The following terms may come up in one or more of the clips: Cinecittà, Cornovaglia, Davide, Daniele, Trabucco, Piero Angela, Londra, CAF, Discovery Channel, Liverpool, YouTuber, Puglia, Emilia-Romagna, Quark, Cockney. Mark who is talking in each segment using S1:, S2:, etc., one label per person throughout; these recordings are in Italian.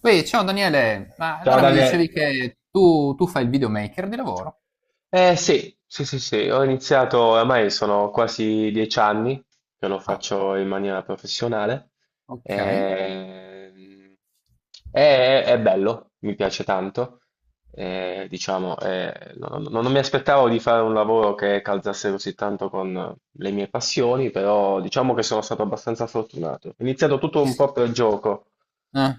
S1: Poi, ciao Daniele, ma
S2: Ciao
S1: allora mi dicevi
S2: Daniele.
S1: che tu fai il videomaker di lavoro?
S2: Eh sì, sì, sì, sì, ho iniziato, ormai sono quasi 10 anni che lo
S1: Ah,
S2: faccio in maniera professionale.
S1: ok.
S2: Ehm, è bello, mi piace tanto. Diciamo, non mi aspettavo di fare un lavoro che calzasse così tanto con le mie passioni, però diciamo che sono stato abbastanza fortunato. Ho iniziato tutto un po' per gioco,
S1: Eh,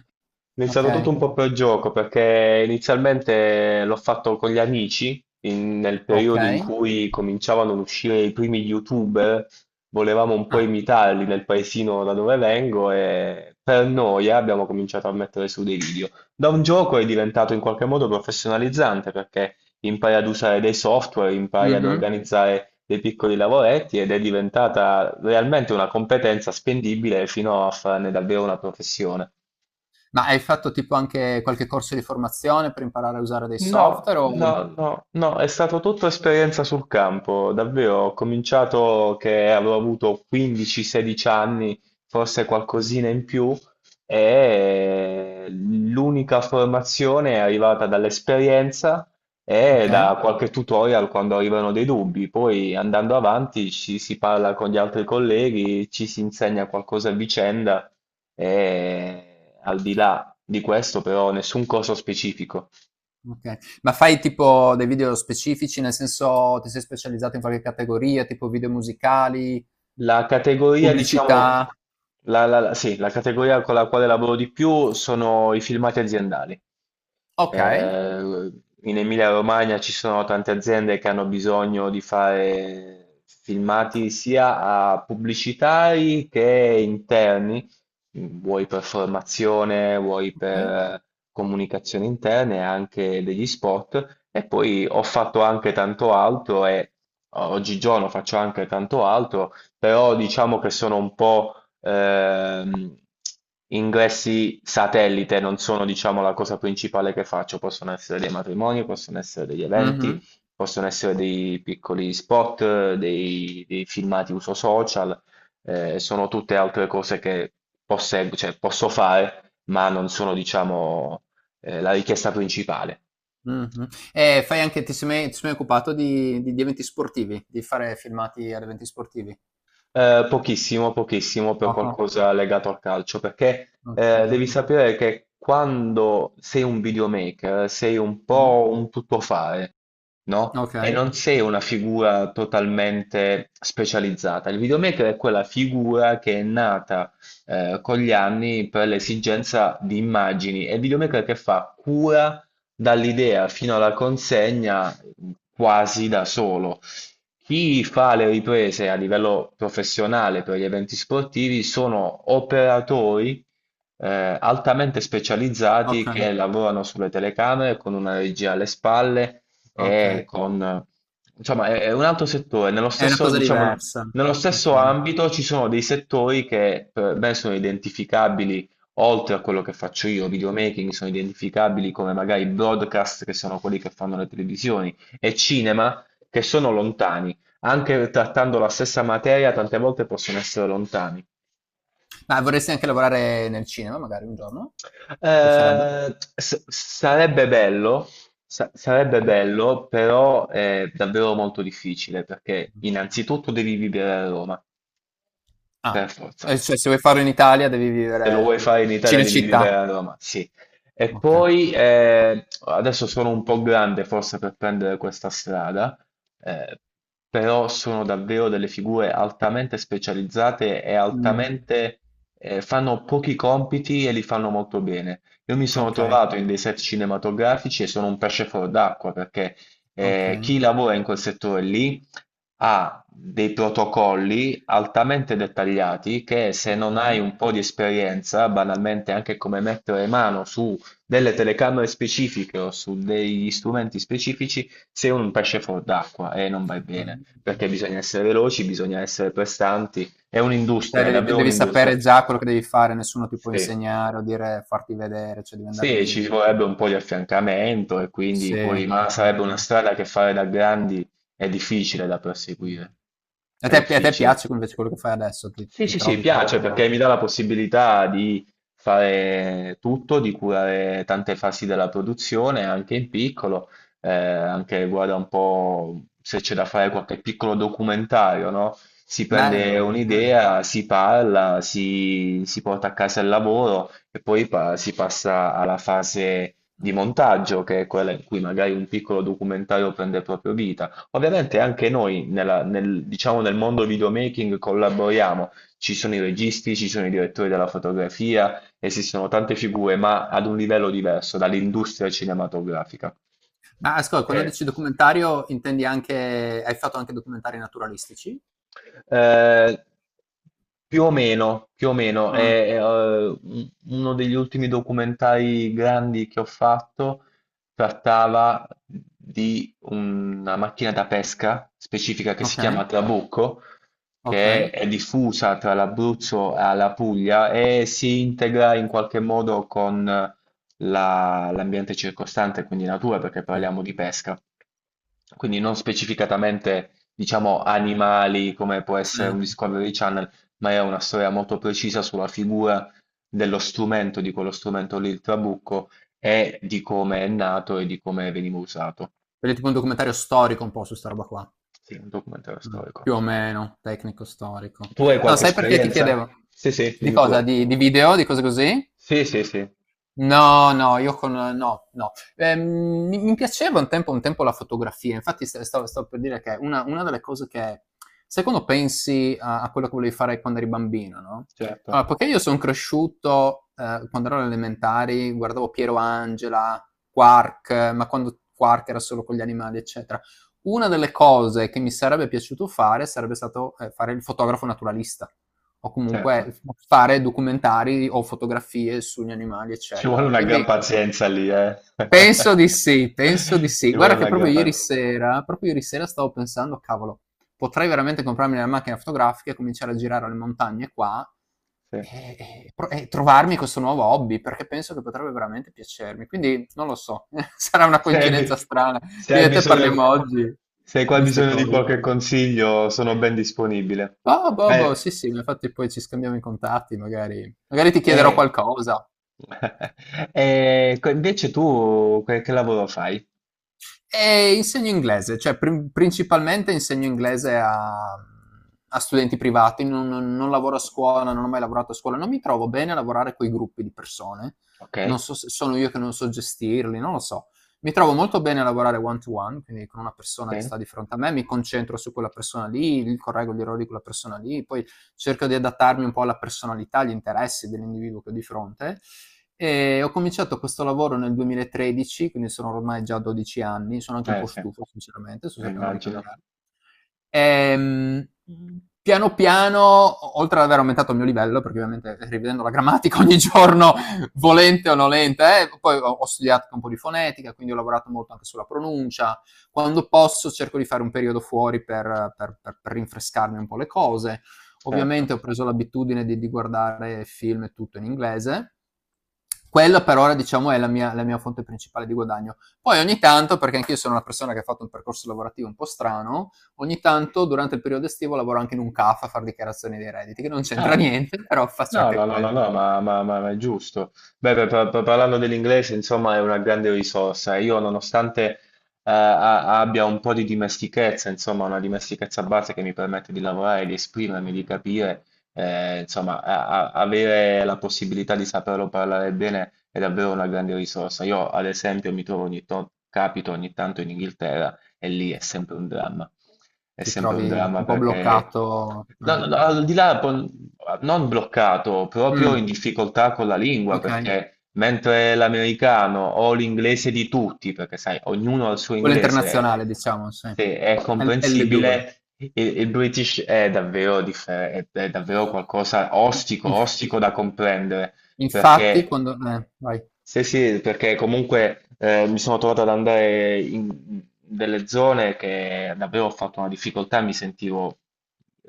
S2: è
S1: ok,
S2: iniziato tutto un po' per gioco perché inizialmente l'ho fatto con gli amici nel periodo in
S1: ok.
S2: cui cominciavano ad uscire i primi YouTuber, volevamo un po'
S1: Ah,
S2: imitarli nel paesino da dove vengo e per noia abbiamo cominciato a mettere su dei video. Da un gioco è diventato in qualche modo professionalizzante perché impari ad usare dei software, impari ad
S1: mhm.
S2: organizzare dei piccoli lavoretti ed è diventata realmente una competenza spendibile fino a farne davvero una professione.
S1: Ma hai fatto tipo anche qualche corso di formazione per imparare a usare dei
S2: No,
S1: software?
S2: no, no, no, è stato tutta esperienza sul campo, davvero. Ho cominciato che avevo avuto 15-16 anni, forse qualcosina in più, e l'unica formazione è arrivata dall'esperienza e
S1: Ok,
S2: da qualche tutorial quando arrivano dei dubbi. Poi andando avanti ci si parla con gli altri colleghi, ci si insegna qualcosa a vicenda e al di là di questo però nessun corso specifico.
S1: ok. Ma fai tipo dei video specifici, nel senso ti sei specializzato in qualche categoria, tipo video musicali,
S2: La categoria, diciamo,
S1: pubblicità?
S2: sì, la categoria con la quale lavoro di più sono i filmati aziendali.
S1: Ok.
S2: Eh, In Emilia-Romagna ci sono tante aziende che hanno bisogno di fare filmati sia a pubblicitari che interni, vuoi per formazione, vuoi per comunicazione interna e anche degli spot. E poi ho fatto anche tanto altro e oggigiorno faccio anche tanto altro, però diciamo che sono un po' ehm, ingressi satellite non sono, diciamo, la cosa principale che faccio. Possono essere dei matrimoni, possono essere degli
S1: Ok.
S2: eventi, possono essere dei piccoli spot, dei filmati uso social, sono tutte altre cose che cioè, posso fare, ma non sono, diciamo, la richiesta principale.
S1: Mh-mh. E fai anche ti sei mai occupato di eventi sportivi? Di fare filmati ad eventi sportivi?
S2: Pochissimo, pochissimo per
S1: Poco?
S2: qualcosa legato al calcio, perché
S1: Okay.
S2: devi sapere che quando sei un videomaker sei un
S1: Mh.
S2: po' un tuttofare, no? E
S1: Okay,
S2: non sei una figura totalmente specializzata. Il videomaker è quella figura che è nata con gli anni per l'esigenza di immagini. È il videomaker che fa cura dall'idea fino alla consegna quasi da solo. Chi fa le riprese a livello professionale per gli eventi sportivi sono operatori altamente specializzati
S1: okay,
S2: che lavorano sulle telecamere con una regia alle spalle e
S1: okay.
S2: con... Insomma, è un altro settore. Nello
S1: È una
S2: stesso,
S1: cosa
S2: diciamo,
S1: diversa.
S2: nello stesso
S1: Okay.
S2: ambito ci sono dei settori che per me sono identificabili, oltre a quello che faccio io, videomaking, sono identificabili come magari broadcast, che sono quelli che fanno le televisioni, e cinema che sono lontani, anche trattando la stessa materia, tante volte possono essere lontani.
S1: Ma vorresti anche lavorare nel cinema magari un giorno? Ti piacerebbe?
S2: Sarebbe bello, sarebbe
S1: Mh-mh.
S2: bello, però è davvero molto difficile perché
S1: Mh.
S2: innanzitutto devi vivere a Roma, per
S1: Ah,
S2: forza.
S1: cioè se vuoi farlo in Italia devi
S2: Se lo vuoi
S1: vivere.
S2: fare in Italia devi
S1: Cinecittà?
S2: vivere a Roma, sì. E
S1: Okay.
S2: poi adesso sono un po' grande forse per prendere questa strada, eh, però sono davvero delle figure altamente specializzate e
S1: Mh.
S2: altamente fanno pochi compiti e li fanno molto bene. Io mi sono
S1: Okay,
S2: trovato in dei set cinematografici e sono un pesce fuor d'acqua perché
S1: okay.
S2: chi lavora in quel settore lì ha dei protocolli altamente dettagliati che se non hai
S1: Mh.
S2: un po' di esperienza, banalmente anche come mettere mano su delle telecamere specifiche o su degli strumenti specifici, sei un pesce fuor d'acqua e non vai bene,
S1: Mh.
S2: perché bisogna essere veloci, bisogna essere prestanti, è
S1: Cioè,
S2: un'industria, è
S1: devi,
S2: davvero
S1: devi sapere
S2: un'industria.
S1: già quello che devi fare, nessuno ti può
S2: Sì.
S1: insegnare o dire farti vedere, cioè devi andare
S2: Sì,
S1: lì e
S2: ci
S1: già.
S2: vorrebbe un po' di affiancamento e
S1: Sì.
S2: quindi
S1: A
S2: poi, ma sarebbe una strada che fare da grandi è difficile da perseguire, è
S1: te, a te
S2: difficile.
S1: piace invece quello che fai adesso? Ti,
S2: Sì,
S1: ti
S2: sì, sì,
S1: trovi
S2: piace
S1: proprio
S2: perché mi dà la possibilità di fare tutto, di curare tante fasi della produzione, anche in piccolo, anche guarda un po' se c'è da fare qualche piccolo documentario, no? Si prende
S1: bello. Ok.
S2: un'idea, si parla, si porta a casa il lavoro e poi si passa alla fase di montaggio, che è quella in cui magari un piccolo documentario prende proprio vita. Ovviamente anche noi, nel, diciamo, nel mondo videomaking collaboriamo, ci sono i registi, ci sono i direttori della fotografia, esistono tante figure, ma ad un livello diverso dall'industria cinematografica.
S1: Ma ascolta, quando
S2: Eh,
S1: dici documentario intendi anche, hai fatto anche documentari naturalistici?
S2: Eh, Più o meno, più o meno,
S1: Ah,
S2: uno degli ultimi documentari grandi che ho fatto trattava di una macchina da pesca specifica che si
S1: ok,
S2: chiama Trabucco, che
S1: ok.
S2: è diffusa tra l'Abruzzo e la Puglia e si integra in qualche modo con l'ambiente circostante, quindi natura, perché
S1: Mm,
S2: parliamo di pesca, quindi non specificatamente diciamo animali come può
S1: sì.
S2: essere un Discovery Channel, ma è una storia molto precisa sulla figura dello strumento, di quello strumento lì, il trabucco, e di come è nato e di come veniva usato.
S1: Quindi è tipo un documentario storico un po' su sta roba qua.
S2: Sì, un documentario
S1: Mh,
S2: storico.
S1: più o meno, tecnico storico.
S2: Tu hai
S1: No,
S2: qualche
S1: sai perché ti
S2: esperienza?
S1: chiedevo?
S2: Sì, sì,
S1: Di
S2: dimmi
S1: cosa?
S2: pure.
S1: Di video? Di cose così?
S2: Sì, sì, sì,
S1: No, no, io con no, no. Mi piaceva un tempo la fotografia, infatti st stavo stavo per dire che una delle cose che sai quando pensi a quello che volevi fare quando eri bambino, no,
S2: certo,
S1: allora poiché io son cresciuto, quando ero alle elementari guardavo Piero Angela, Quark, ma quando Quark era solo con gli animali, eccetera. Una delle cose che mi sarebbe piaciuto fare sarebbe stato fare il fotografo naturalista o comunque
S2: certo.
S1: fare documentari o fotografie sugli animali,
S2: Ci vuole
S1: eccetera.
S2: una gran
S1: Quindi
S2: pazienza lì, eh.
S1: penso di sì, penso di sì.
S2: Ci vuole
S1: Guarda che
S2: una gran pazienza.
S1: proprio ieri sera stavo pensando, cavolo, potrei veramente comprarmi una macchina fotografica e cominciare a girare alle montagne qua e trovarmi questo nuovo hobby, perché penso che potrebbe veramente piacermi. Quindi non lo so, sarà una
S2: Se hai, bi-
S1: coincidenza strana
S2: Se
S1: che
S2: hai
S1: io e te
S2: bisogno,
S1: parliamo oggi di
S2: se hai qua
S1: queste
S2: bisogno di
S1: cose.
S2: qualche consiglio, sono ben disponibile.
S1: Boh, boh,
S2: Eh,
S1: boh, sì, sì, ma infatti poi ci scambiamo i contatti, magari magari ti chiederò
S2: eh,
S1: qualcosa.
S2: Invece tu che lavoro fai?
S1: E insegno inglese, cioè principalmente insegno inglese a studenti privati, non lavoro a scuola, non ho mai lavorato a scuola, non mi trovo bene a lavorare con i gruppi di persone,
S2: Ok,
S1: non so se sono io che non so gestirli, non lo so. Mi trovo molto bene a lavorare one to one, quindi con una persona che
S2: ok.
S1: sta di fronte a me, mi concentro su quella persona lì, correggo gli errori di quella persona lì, poi cerco di adattarmi un po' alla personalità, agli interessi dell'individuo che ho di fronte, e ho cominciato questo lavoro nel 2013, quindi sono ormai già 12 anni, sono anche un
S2: Eh
S1: po'
S2: sì,
S1: stufo sinceramente, sto cercando di
S2: immagino,
S1: cambiare. Ehm, piano piano, o oltre ad aver aumentato il mio livello, perché ovviamente rivedendo la grammatica ogni giorno, volente o nolente, poi ho studiato anche un po' di fonetica, quindi ho lavorato molto anche sulla pronuncia. Quando posso cerco di fare un periodo fuori per rinfrescarmi un po' le cose.
S2: certo.
S1: Ovviamente ho preso l'abitudine di guardare film e tutto in inglese. Quella per ora, diciamo, è la mia fonte principale di guadagno. Poi ogni tanto, perché anch'io sono una persona che ha fatto un percorso lavorativo un po' strano, ogni tanto durante il periodo estivo lavoro anche in un CAF a fare dichiarazioni dei redditi, che non c'entra
S2: Ah,
S1: niente, però faccio
S2: no,
S1: anche
S2: no, no, no,
S1: quello.
S2: no, ma è giusto. Beh, parlando dell'inglese, insomma, è una grande risorsa. Io, nonostante abbia un po' di dimestichezza, insomma, una dimestichezza base che mi permette di lavorare, di esprimermi, di capire, insomma, avere la possibilità di saperlo parlare bene è davvero una grande risorsa. Io, ad esempio, mi trovo capito ogni tanto in Inghilterra e lì è sempre un dramma. È
S1: Ti
S2: sempre un
S1: trovi
S2: dramma
S1: un po'
S2: perché,
S1: bloccato,
S2: no, no,
S1: eh.
S2: no, al di là, non bloccato, proprio in
S1: Mm,
S2: difficoltà con la lingua,
S1: ok.
S2: perché mentre l'americano o l'inglese di tutti, perché sai, ognuno ha il suo
S1: Quello
S2: inglese,
S1: internazionale, diciamo, sì.
S2: se è
S1: L2.
S2: comprensibile, il British è davvero, è davvero qualcosa ostico, ostico da comprendere.
S1: Infatti,
S2: Perché,
S1: vai.
S2: sì, sì, perché comunque mi sono trovato ad andare in delle zone che davvero ho fatto una difficoltà, mi sentivo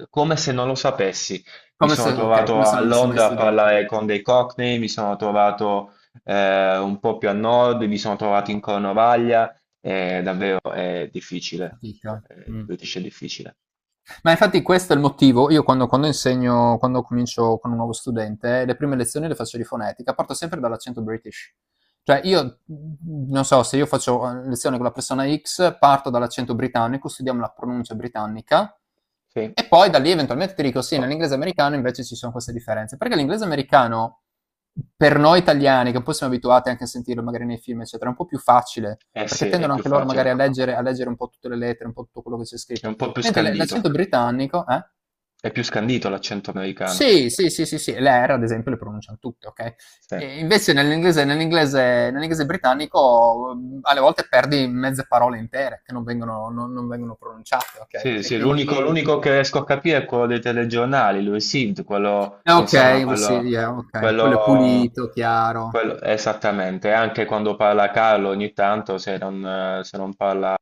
S2: come se non lo sapessi. Mi
S1: Come se
S2: sono
S1: Okay,
S2: trovato
S1: come se
S2: a
S1: non avessi mai
S2: Londra a
S1: studiato.
S2: parlare con dei Cockney, mi sono trovato un po' più a nord, mi sono trovato in Cornovaglia, davvero è difficile.
S1: Fatica.
S2: Il
S1: Mh.
S2: British è difficile.
S1: Ma infatti questo è il motivo, io quando insegno, quando comincio con un nuovo studente, le prime lezioni le faccio di fonetica, parto sempre dall'accento british. Cioè io, non so, se io faccio lezione con la persona X, parto dall'accento britannico, studiamo la pronuncia britannica
S2: Sì.
S1: e poi da lì eventualmente ti dico sì, nell'inglese americano invece ci sono queste differenze. Perché l'inglese americano, per noi italiani, che un po' siamo abituati anche a sentirlo magari nei film, eccetera, è un po' più facile
S2: Eh sì,
S1: perché
S2: è
S1: tendono
S2: più
S1: anche loro magari
S2: facile,
S1: un po' tutte le lettere, un po' tutto quello che c'è
S2: è
S1: scritto.
S2: un po' più
S1: Mentre l'accento
S2: scandito,
S1: britannico, eh?
S2: è più scandito l'accento americano.
S1: Sì, sì, sì, sì, sì, le R ad esempio le pronunciano tutte, okay?
S2: Sì,
S1: E invece nell'inglese britannico, alle volte perdi mezze parole intere che non vengono pronunciate, okay?
S2: sì,
S1: E
S2: sì, l'unico
S1: quindi
S2: l'unico che riesco a capire è quello dei telegiornali, lui Sid, quello,
S1: eh
S2: insomma,
S1: okay, we see
S2: quello,
S1: yeah, okay. Quello è
S2: quello,
S1: pulito, chiaro.
S2: esattamente, anche quando parla Carlo ogni tanto, se non, parla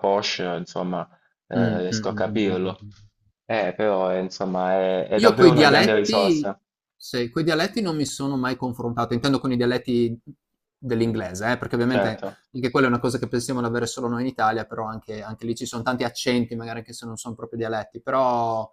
S2: Porsche, insomma,
S1: Mh, mh, mh,
S2: riesco a
S1: mh, mh, mh,
S2: capirlo.
S1: mh.
S2: Però, insomma, è
S1: Io
S2: davvero
S1: coi
S2: una grande
S1: dialetti,
S2: risorsa,
S1: sì, coi dialetti non mi sono mai confrontato, intendo con i dialetti dell'inglese, perché ovviamente
S2: certo.
S1: anche quella è una cosa che pensiamo di avere solo noi in Italia, però anche lì ci sono tanti accenti, magari anche se non sono proprio dialetti, però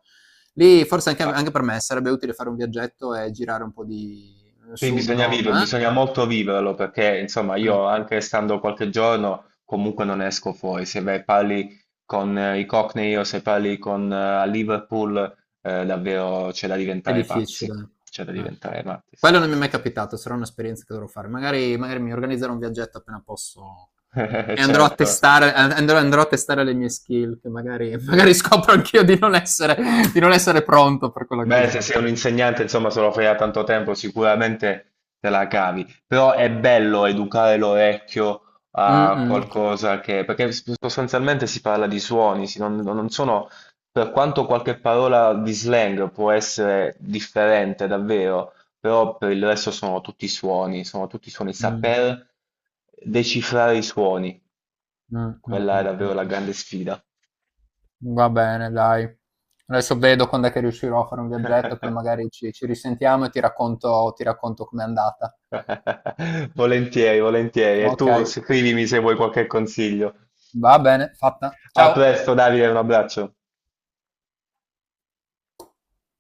S1: lì forse anche per me sarebbe utile fare un viaggetto e girare un po' di
S2: Sì,
S1: sud,
S2: bisogna
S1: nord,
S2: vivere,
S1: eh?
S2: bisogna molto viverlo perché insomma
S1: Eh.
S2: io anche stando qualche giorno comunque non esco fuori, se vai parli con i Cockney o se parli con a Liverpool, davvero c'è da
S1: È
S2: diventare pazzi,
S1: difficile,
S2: c'è da
S1: eh.
S2: diventare matti, sì
S1: Quello non
S2: sì
S1: mi è
S2: sì
S1: mai
S2: sì.
S1: capitato, sarà un'esperienza che dovrò fare. Magari magari mi organizzerò un viaggetto appena posso e andrò a
S2: Certo.
S1: testare a andrò andrò a testare le mie skill che magari magari
S2: Sì.
S1: scopro anch'io di non essere pronto per quella
S2: Beh,
S1: cosa
S2: se
S1: lì.
S2: sei un insegnante, insomma, se lo fai da tanto tempo, sicuramente te la cavi. Però è bello educare l'orecchio a
S1: Mh-mh.
S2: qualcosa perché sostanzialmente si parla di suoni, non, sono. Per quanto qualche parola di slang può essere differente, davvero, però per il resto sono tutti suoni, sono tutti suoni.
S1: Mh.
S2: Saper decifrare i suoni,
S1: Mh, mh,
S2: quella è
S1: mh, mh,
S2: davvero la
S1: mh.
S2: grande sfida.
S1: Va bene dai. Adesso vedo quand'è che riuscirò a fare un viaggetto, poi magari ci risentiamo e ti racconto com'è andata.
S2: Volentieri, volentieri. E tu
S1: Okay,
S2: scrivimi se vuoi qualche consiglio.
S1: va bene, fatta.
S2: A
S1: Ciao.
S2: presto, Davide, un abbraccio.